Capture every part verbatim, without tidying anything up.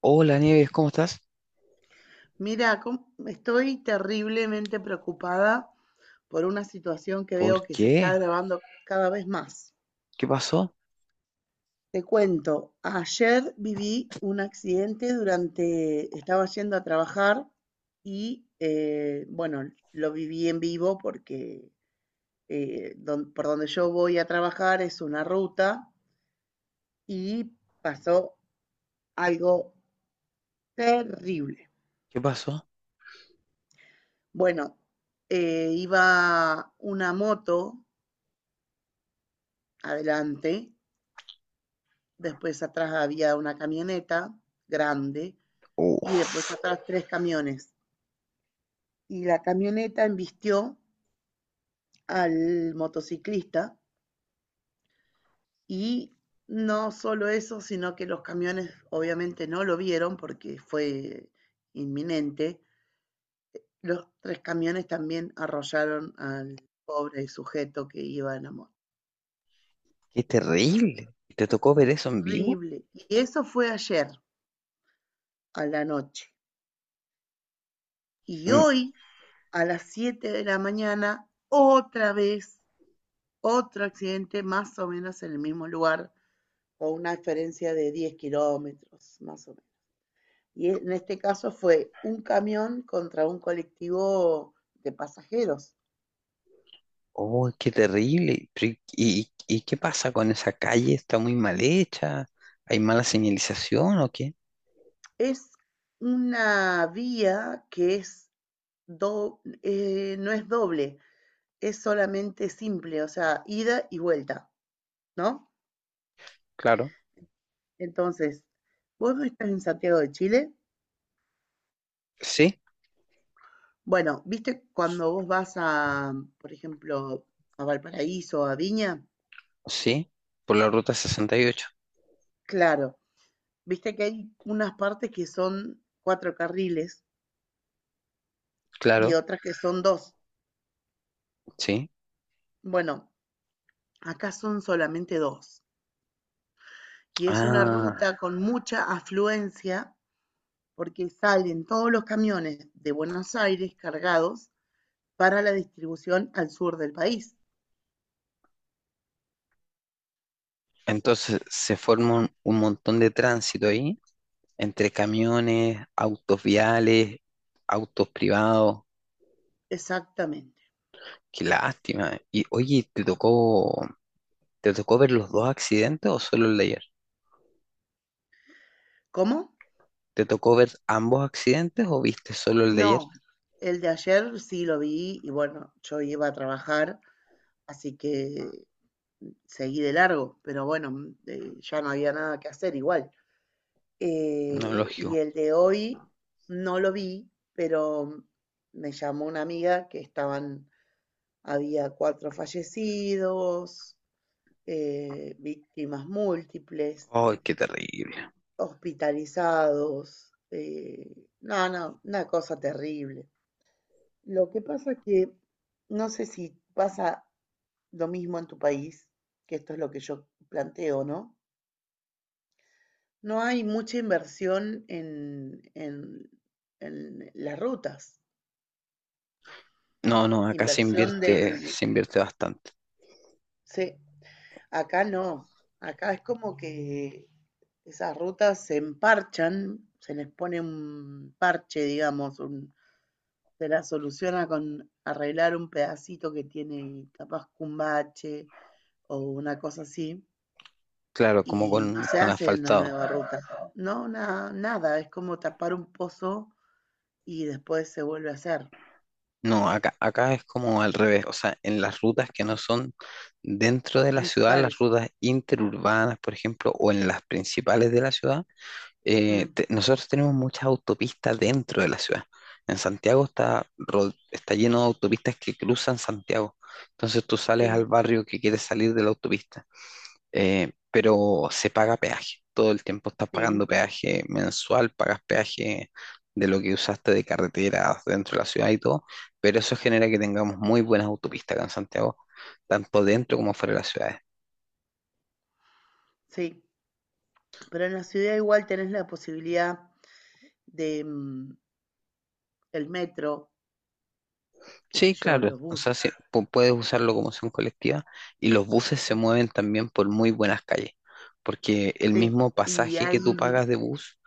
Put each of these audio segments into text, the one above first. Hola Nieves, ¿cómo estás? Mira, com- estoy terriblemente preocupada por una situación que ¿Por veo que se está qué? agravando cada vez más. ¿Qué pasó? Te cuento, ayer viví un accidente durante, estaba yendo a trabajar y, eh, bueno, lo viví en vivo porque eh, don- por donde yo voy a trabajar es una ruta y pasó algo terrible. ¿Qué pasó? Bueno, eh, iba una moto adelante. Después atrás había una camioneta grande y después Uf, atrás tres camiones. Y la camioneta embistió al motociclista y no solo eso, sino que los camiones obviamente no lo vieron porque fue inminente. Los tres camiones también arrollaron al pobre sujeto que iba en la moto. qué terrible. ¿Te tocó ver eso en vivo? Terrible. Y eso fue ayer a la noche. Y Mm. hoy, a las siete de la mañana, otra vez. Otro accidente más o menos en el mismo lugar, con una diferencia de diez kilómetros, más o menos. Y en este caso fue un camión contra un colectivo de pasajeros. Oh, qué terrible. Pero ¿y, y- y qué pasa con esa calle? ¿Está muy mal hecha? ¿Hay mala señalización o qué? Es una vía que es do- eh, no es doble, es solamente simple, o sea, ida y vuelta, ¿no? Claro. Entonces, vos no estás en Santiago de Chile. Sí, Bueno, viste cuando vos vas a, por ejemplo, a Valparaíso o a Viña, sí. Por la ruta sesenta y ocho. claro, viste que hay unas partes que son cuatro carriles y Claro, otras que son dos. sí. Bueno, acá son solamente dos. Y es una Ah, ruta con mucha afluencia porque salen todos los camiones de Buenos Aires cargados para la distribución al sur del país. entonces se forma un, un montón de tránsito ahí, entre camiones, autos viales, autos privados. Exactamente. Qué lástima. Y oye, ¿te tocó, ¿te tocó ver los Sí. dos accidentes o solo el de ayer? ¿Cómo? ¿Te tocó ver ambos accidentes o viste solo el de ayer? No, el de ayer sí lo vi y bueno, yo iba a trabajar, así que seguí de largo, pero bueno, mm, eh, ya no había nada que hacer igual. No, Eh, y lógico. el de hoy no lo vi, pero mm, me llamó una amiga que estaban, había cuatro fallecidos, eh, víctimas múltiples, Ay, qué terrible. hospitalizados, eh, no, no, una cosa terrible. Lo que pasa es que no sé si pasa lo mismo en tu país, que esto es lo que yo planteo, ¿no? No hay mucha inversión en, en, en las rutas, No, no, acá se inversión invierte, del. se invierte bastante. Sí, acá no, acá es como que esas rutas se emparchan, se les pone un parche, digamos, un- se la soluciona con arreglar un pedacito que tiene capaz que un bache o una cosa así, Claro, como y no con, se con hace una asfaltado. nueva ruta. No, na- nada, es como tapar un pozo y después se vuelve a hacer. No, acá, acá es como al revés. O sea, en las rutas que no son dentro de la ciudad, las Principales. rutas interurbanas, por ejemplo, o en las principales de la ciudad, eh, Mm. te- nosotros tenemos muchas autopistas dentro de la ciudad. En Santiago está, ro- está lleno de autopistas que cruzan Santiago. Entonces tú sales al Sí, barrio que quieres salir de la autopista, eh, pero se paga peaje. Todo el tiempo estás pagando sí, peaje mensual, pagas peaje de lo que usaste de carreteras dentro de la ciudad y todo, pero eso genera que tengamos muy buenas autopistas acá en Santiago, tanto dentro como fuera de las ciudades. sí. Pero en la ciudad igual tenés la posibilidad de mm, el metro, qué sé Sí, yo, claro, los o sea, buses. sí, pu- puedes usar locomoción colectiva y los buses se Ujú. mueven también por muy buenas calles, porque el Sí, mismo y pasaje ahí, que tú pagas de bus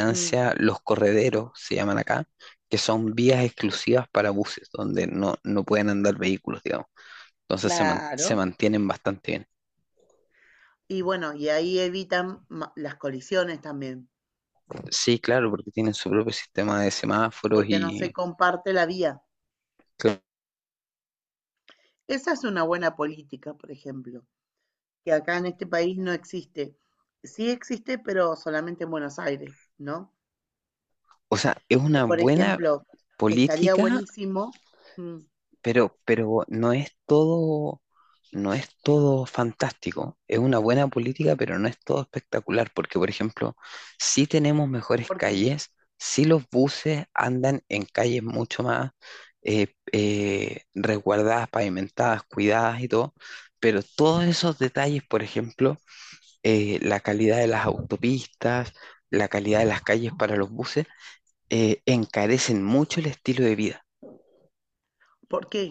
ujú, los correderos, se llaman acá, que son vías exclusivas para buses, donde no, no pueden andar vehículos, digamos. Entonces se, man- se claro. mantienen bastante bien. Y bueno, y ahí evitan ma- las colisiones también, Sí, claro, porque tienen su propio sistema de semáforos porque no se y, comparte la vía. Esa es una buena política, por ejemplo, que acá en este país no existe. Sí existe, pero solamente en Buenos Aires, ¿no? o sea, es una Por buena ejemplo, estaría política. buenísimo. Mm. Pero, pero no es todo, no es todo fantástico. Es una buena política, pero no es todo espectacular, porque, por ejemplo, sí tenemos mejores ¿Por qué? calles, sí los buses andan en calles mucho más eh, eh, resguardadas, pavimentadas, cuidadas y todo, pero todos esos detalles, por ejemplo, eh, la calidad de las autopistas, la calidad de las calles para los buses, eh, encarecen mucho el estilo de vida. ¿Por qué?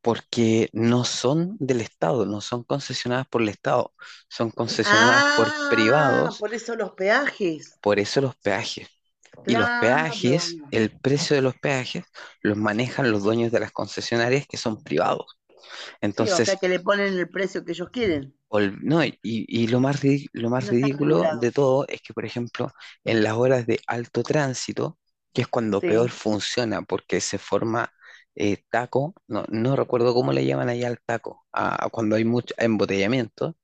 Porque no son del Estado, no son concesionadas por el Estado, son concesionadas por Ah, privados, por eso los peajes. por eso los peajes. Y los Claro. peajes, el precio de los peajes, los manejan los dueños de las concesionarias que son privados. Sí, o sea Entonces, que le ponen el precio que ellos quieren. Ol- no, y, y lo más ridi- lo más No está ridículo regulado. de todo es que, por ejemplo, en las horas de alto tránsito, que es cuando peor Sí, funciona, porque se forma eh, taco, no, no recuerdo cómo le llaman allá al taco, a, a cuando hay mucho embotellamiento,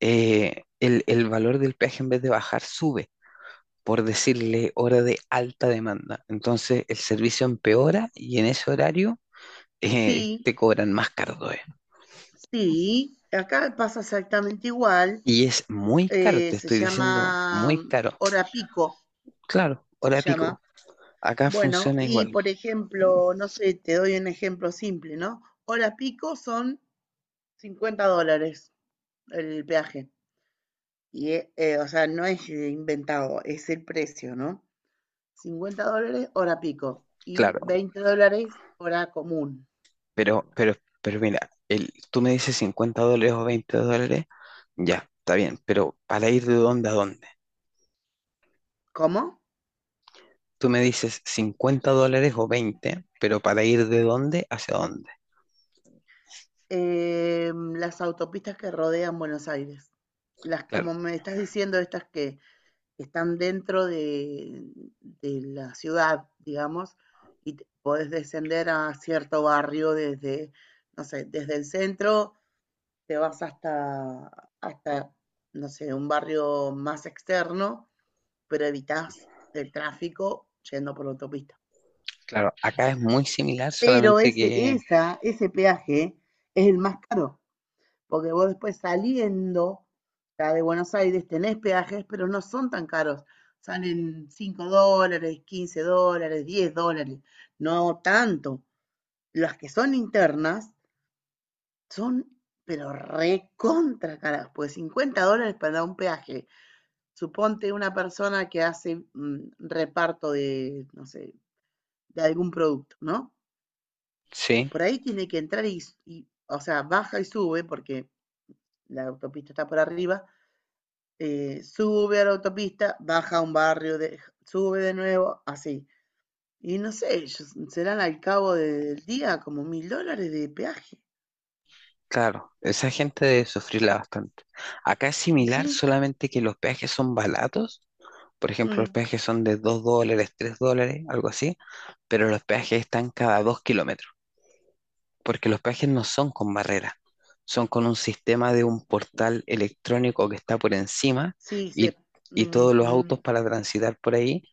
eh, el, el valor del peaje en vez de bajar sube, por decirle hora de alta demanda. Entonces el servicio empeora y en ese horario eh, sí, te cobran más caro todavía. sí. Acá pasa exactamente igual. Y es muy caro, eh, te Se estoy diciendo, llama muy mm, caro. hora pico, Claro, se hora pico. llama. Acá Bueno, funciona y igual, por ejemplo, no sé, te doy un ejemplo simple, ¿no? Hora pico son cincuenta dólares el peaje. Y, eh, eh, o sea, no es eh, inventado, es el precio, ¿no? Cincuenta dólares hora pico y claro, veinte dólares hora común. pero, pero, pero mira, el, tú me dices cincuenta dólares o veinte dólares, ya, está bien, pero para ir de dónde a dónde. ¿Cómo? Tú me dices cincuenta dólares o veinte, pero para ir de dónde hacia dónde. Eh, las autopistas que rodean Buenos Aires. Las, Claro, como me estás diciendo, estas que están dentro de, de la ciudad, digamos, y te- podés descender a cierto barrio desde, no sé, desde el centro, te vas hasta, hasta, no sé, un barrio más externo pero evitás el tráfico yendo por la autopista. claro, acá es muy similar, Pero solamente ese, que, esa, ese peaje es el más caro, porque vos después saliendo ya de Buenos Aires tenés peajes, pero no son tan caros. Salen cinco dólares, quince dólares, diez dólares, no tanto. Las que son internas son, pero recontra caras, pues cincuenta dólares para un peaje. Suponte una persona que hace mm, reparto de, no sé, de algún producto, ¿no? sí, Por ahí tiene que entrar y, y, o sea, baja y sube, porque la autopista está por arriba, eh, sube a la autopista, baja a un barrio, de, sube de nuevo, así. Y no sé, serán al cabo del día como mil dólares de peaje. claro, esa gente debe sufrirla bastante. Acá es Y similar, sí, solamente que los peajes son baratos, por ejemplo, los mm, peajes son de dos dólares, tres dólares, algo así, pero los peajes están cada dos kilómetros, porque los peajes no son con barrera, son con un sistema de un portal electrónico que está por encima sí, y, se, y mm, todos los mm, autos para transitar por ahí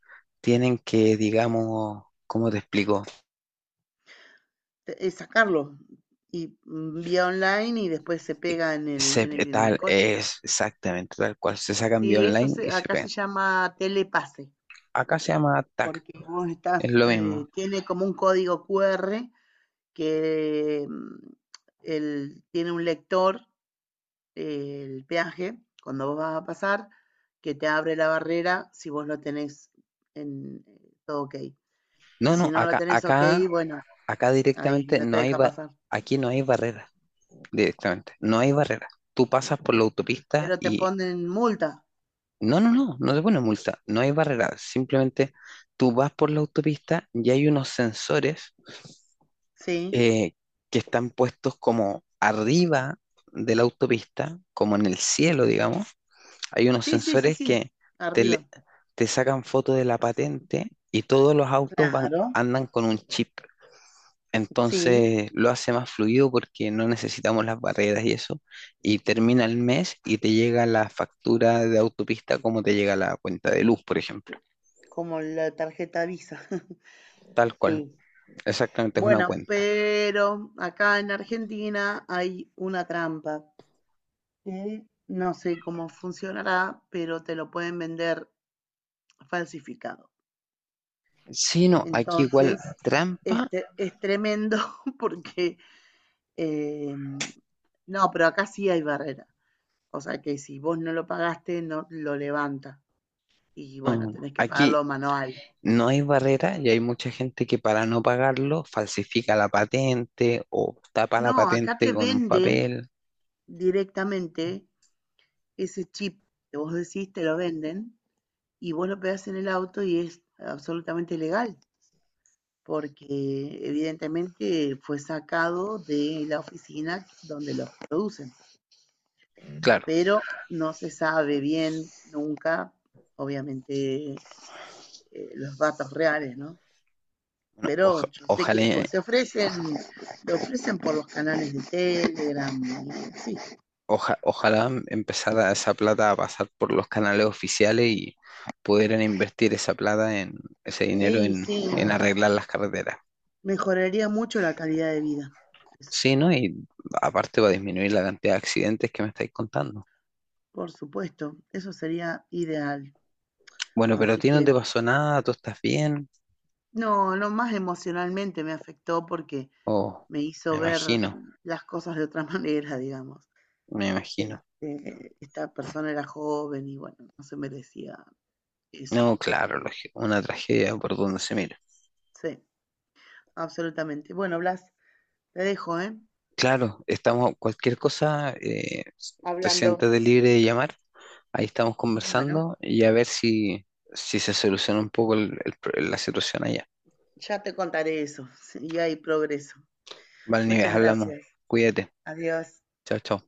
tienen que, digamos, ¿cómo te explico? te- es sacarlo y mm, vía online y después se pega en el, Se, en el, en el tal, coche. es exactamente tal cual, se sacan vía Sí, eso online se- y se acá se pegan. llama telepase. Acá se llama T A C, Porque vos es estás, lo mismo. eh, tiene como un código Q R que mm, el- tiene un lector, eh, el peaje, cuando vos vas a pasar, que te abre la barrera si vos lo tenés en eh, todo ok. Y No, no, si no lo acá, tenés ok, acá, bueno, acá ahí directamente no no te hay, deja ba- pasar. aquí no hay barrera, directamente, no hay barrera. Tú pasas por la autopista Pero te y ponen multa, no, no, no, no te pone multa, no hay barrera, simplemente tú vas por la autopista y hay unos sensores ¿sí? eh, que están puestos como arriba de la autopista, como en el cielo, digamos. Hay unos Sí, sí, sí, sensores sí, que te, arriba. le- te sacan foto de la patente y todos los autos van, Claro, andan con un chip. sí, Entonces lo hace más fluido porque no necesitamos las barreras y eso. Y termina el mes y te llega la factura de autopista como te llega la cuenta de luz, por ejemplo. como la tarjeta Visa. Tal cual, Sí, exactamente es una bueno, cuenta. pero acá en Argentina hay una trampa que no sé cómo funcionará, pero te lo pueden vender falsificado. Sí, no, aquí igual Entonces, trampa, este es tremendo porque eh, no, pero acá sí hay barrera. O sea que si vos no lo pagaste, no lo levanta. Y no, bueno, no, tenés que aquí pagarlo manual. no hay barrera y hay mucha gente que para no pagarlo falsifica la patente o tapa la No, acá patente te con un venden papel. directamente ese chip que vos decís, te lo venden y vos lo pegás en el auto y es absolutamente legal, porque evidentemente fue sacado de la oficina donde los producen, Claro, pero no se sabe bien nunca, obviamente, eh, los datos reales, ¿no? oja- Pero yo sé que ojalá, pues, se ofrecen, lo ofrecen por los canales de Telegram, sí, oja- ojalá empezara esa plata a pasar por los canales oficiales y pudieran invertir esa plata en ese dinero y en, sí, en arreglar las carreteras. mejoraría mucho la calidad de vida. Eso, Sí, ¿no? Y aparte va a disminuir la cantidad de accidentes que me estáis contando. por supuesto, eso sería ideal. Bueno, pero a Así ti no que te pasó nada, tú estás bien. no, no más emocionalmente me afectó porque Oh, me hizo me ver imagino, las cosas de otra manera, digamos. me imagino. Este, esta persona era joven y bueno, no se merecía eso. No, claro, lógico, una tragedia por donde se mira. Sí, absolutamente. Bueno, Blas, te dejo, ¿eh? Claro, estamos, cualquier cosa, eh, te Hablando. siéntate libre de llamar. Ahí estamos Bueno, conversando y a ver si, si se soluciona un poco el- el pro- la situación allá. ya te contaré eso, y hay progreso. Vale Valnives, Muchas hablamos. gracias. Cuídate. Adiós. Chao, chao.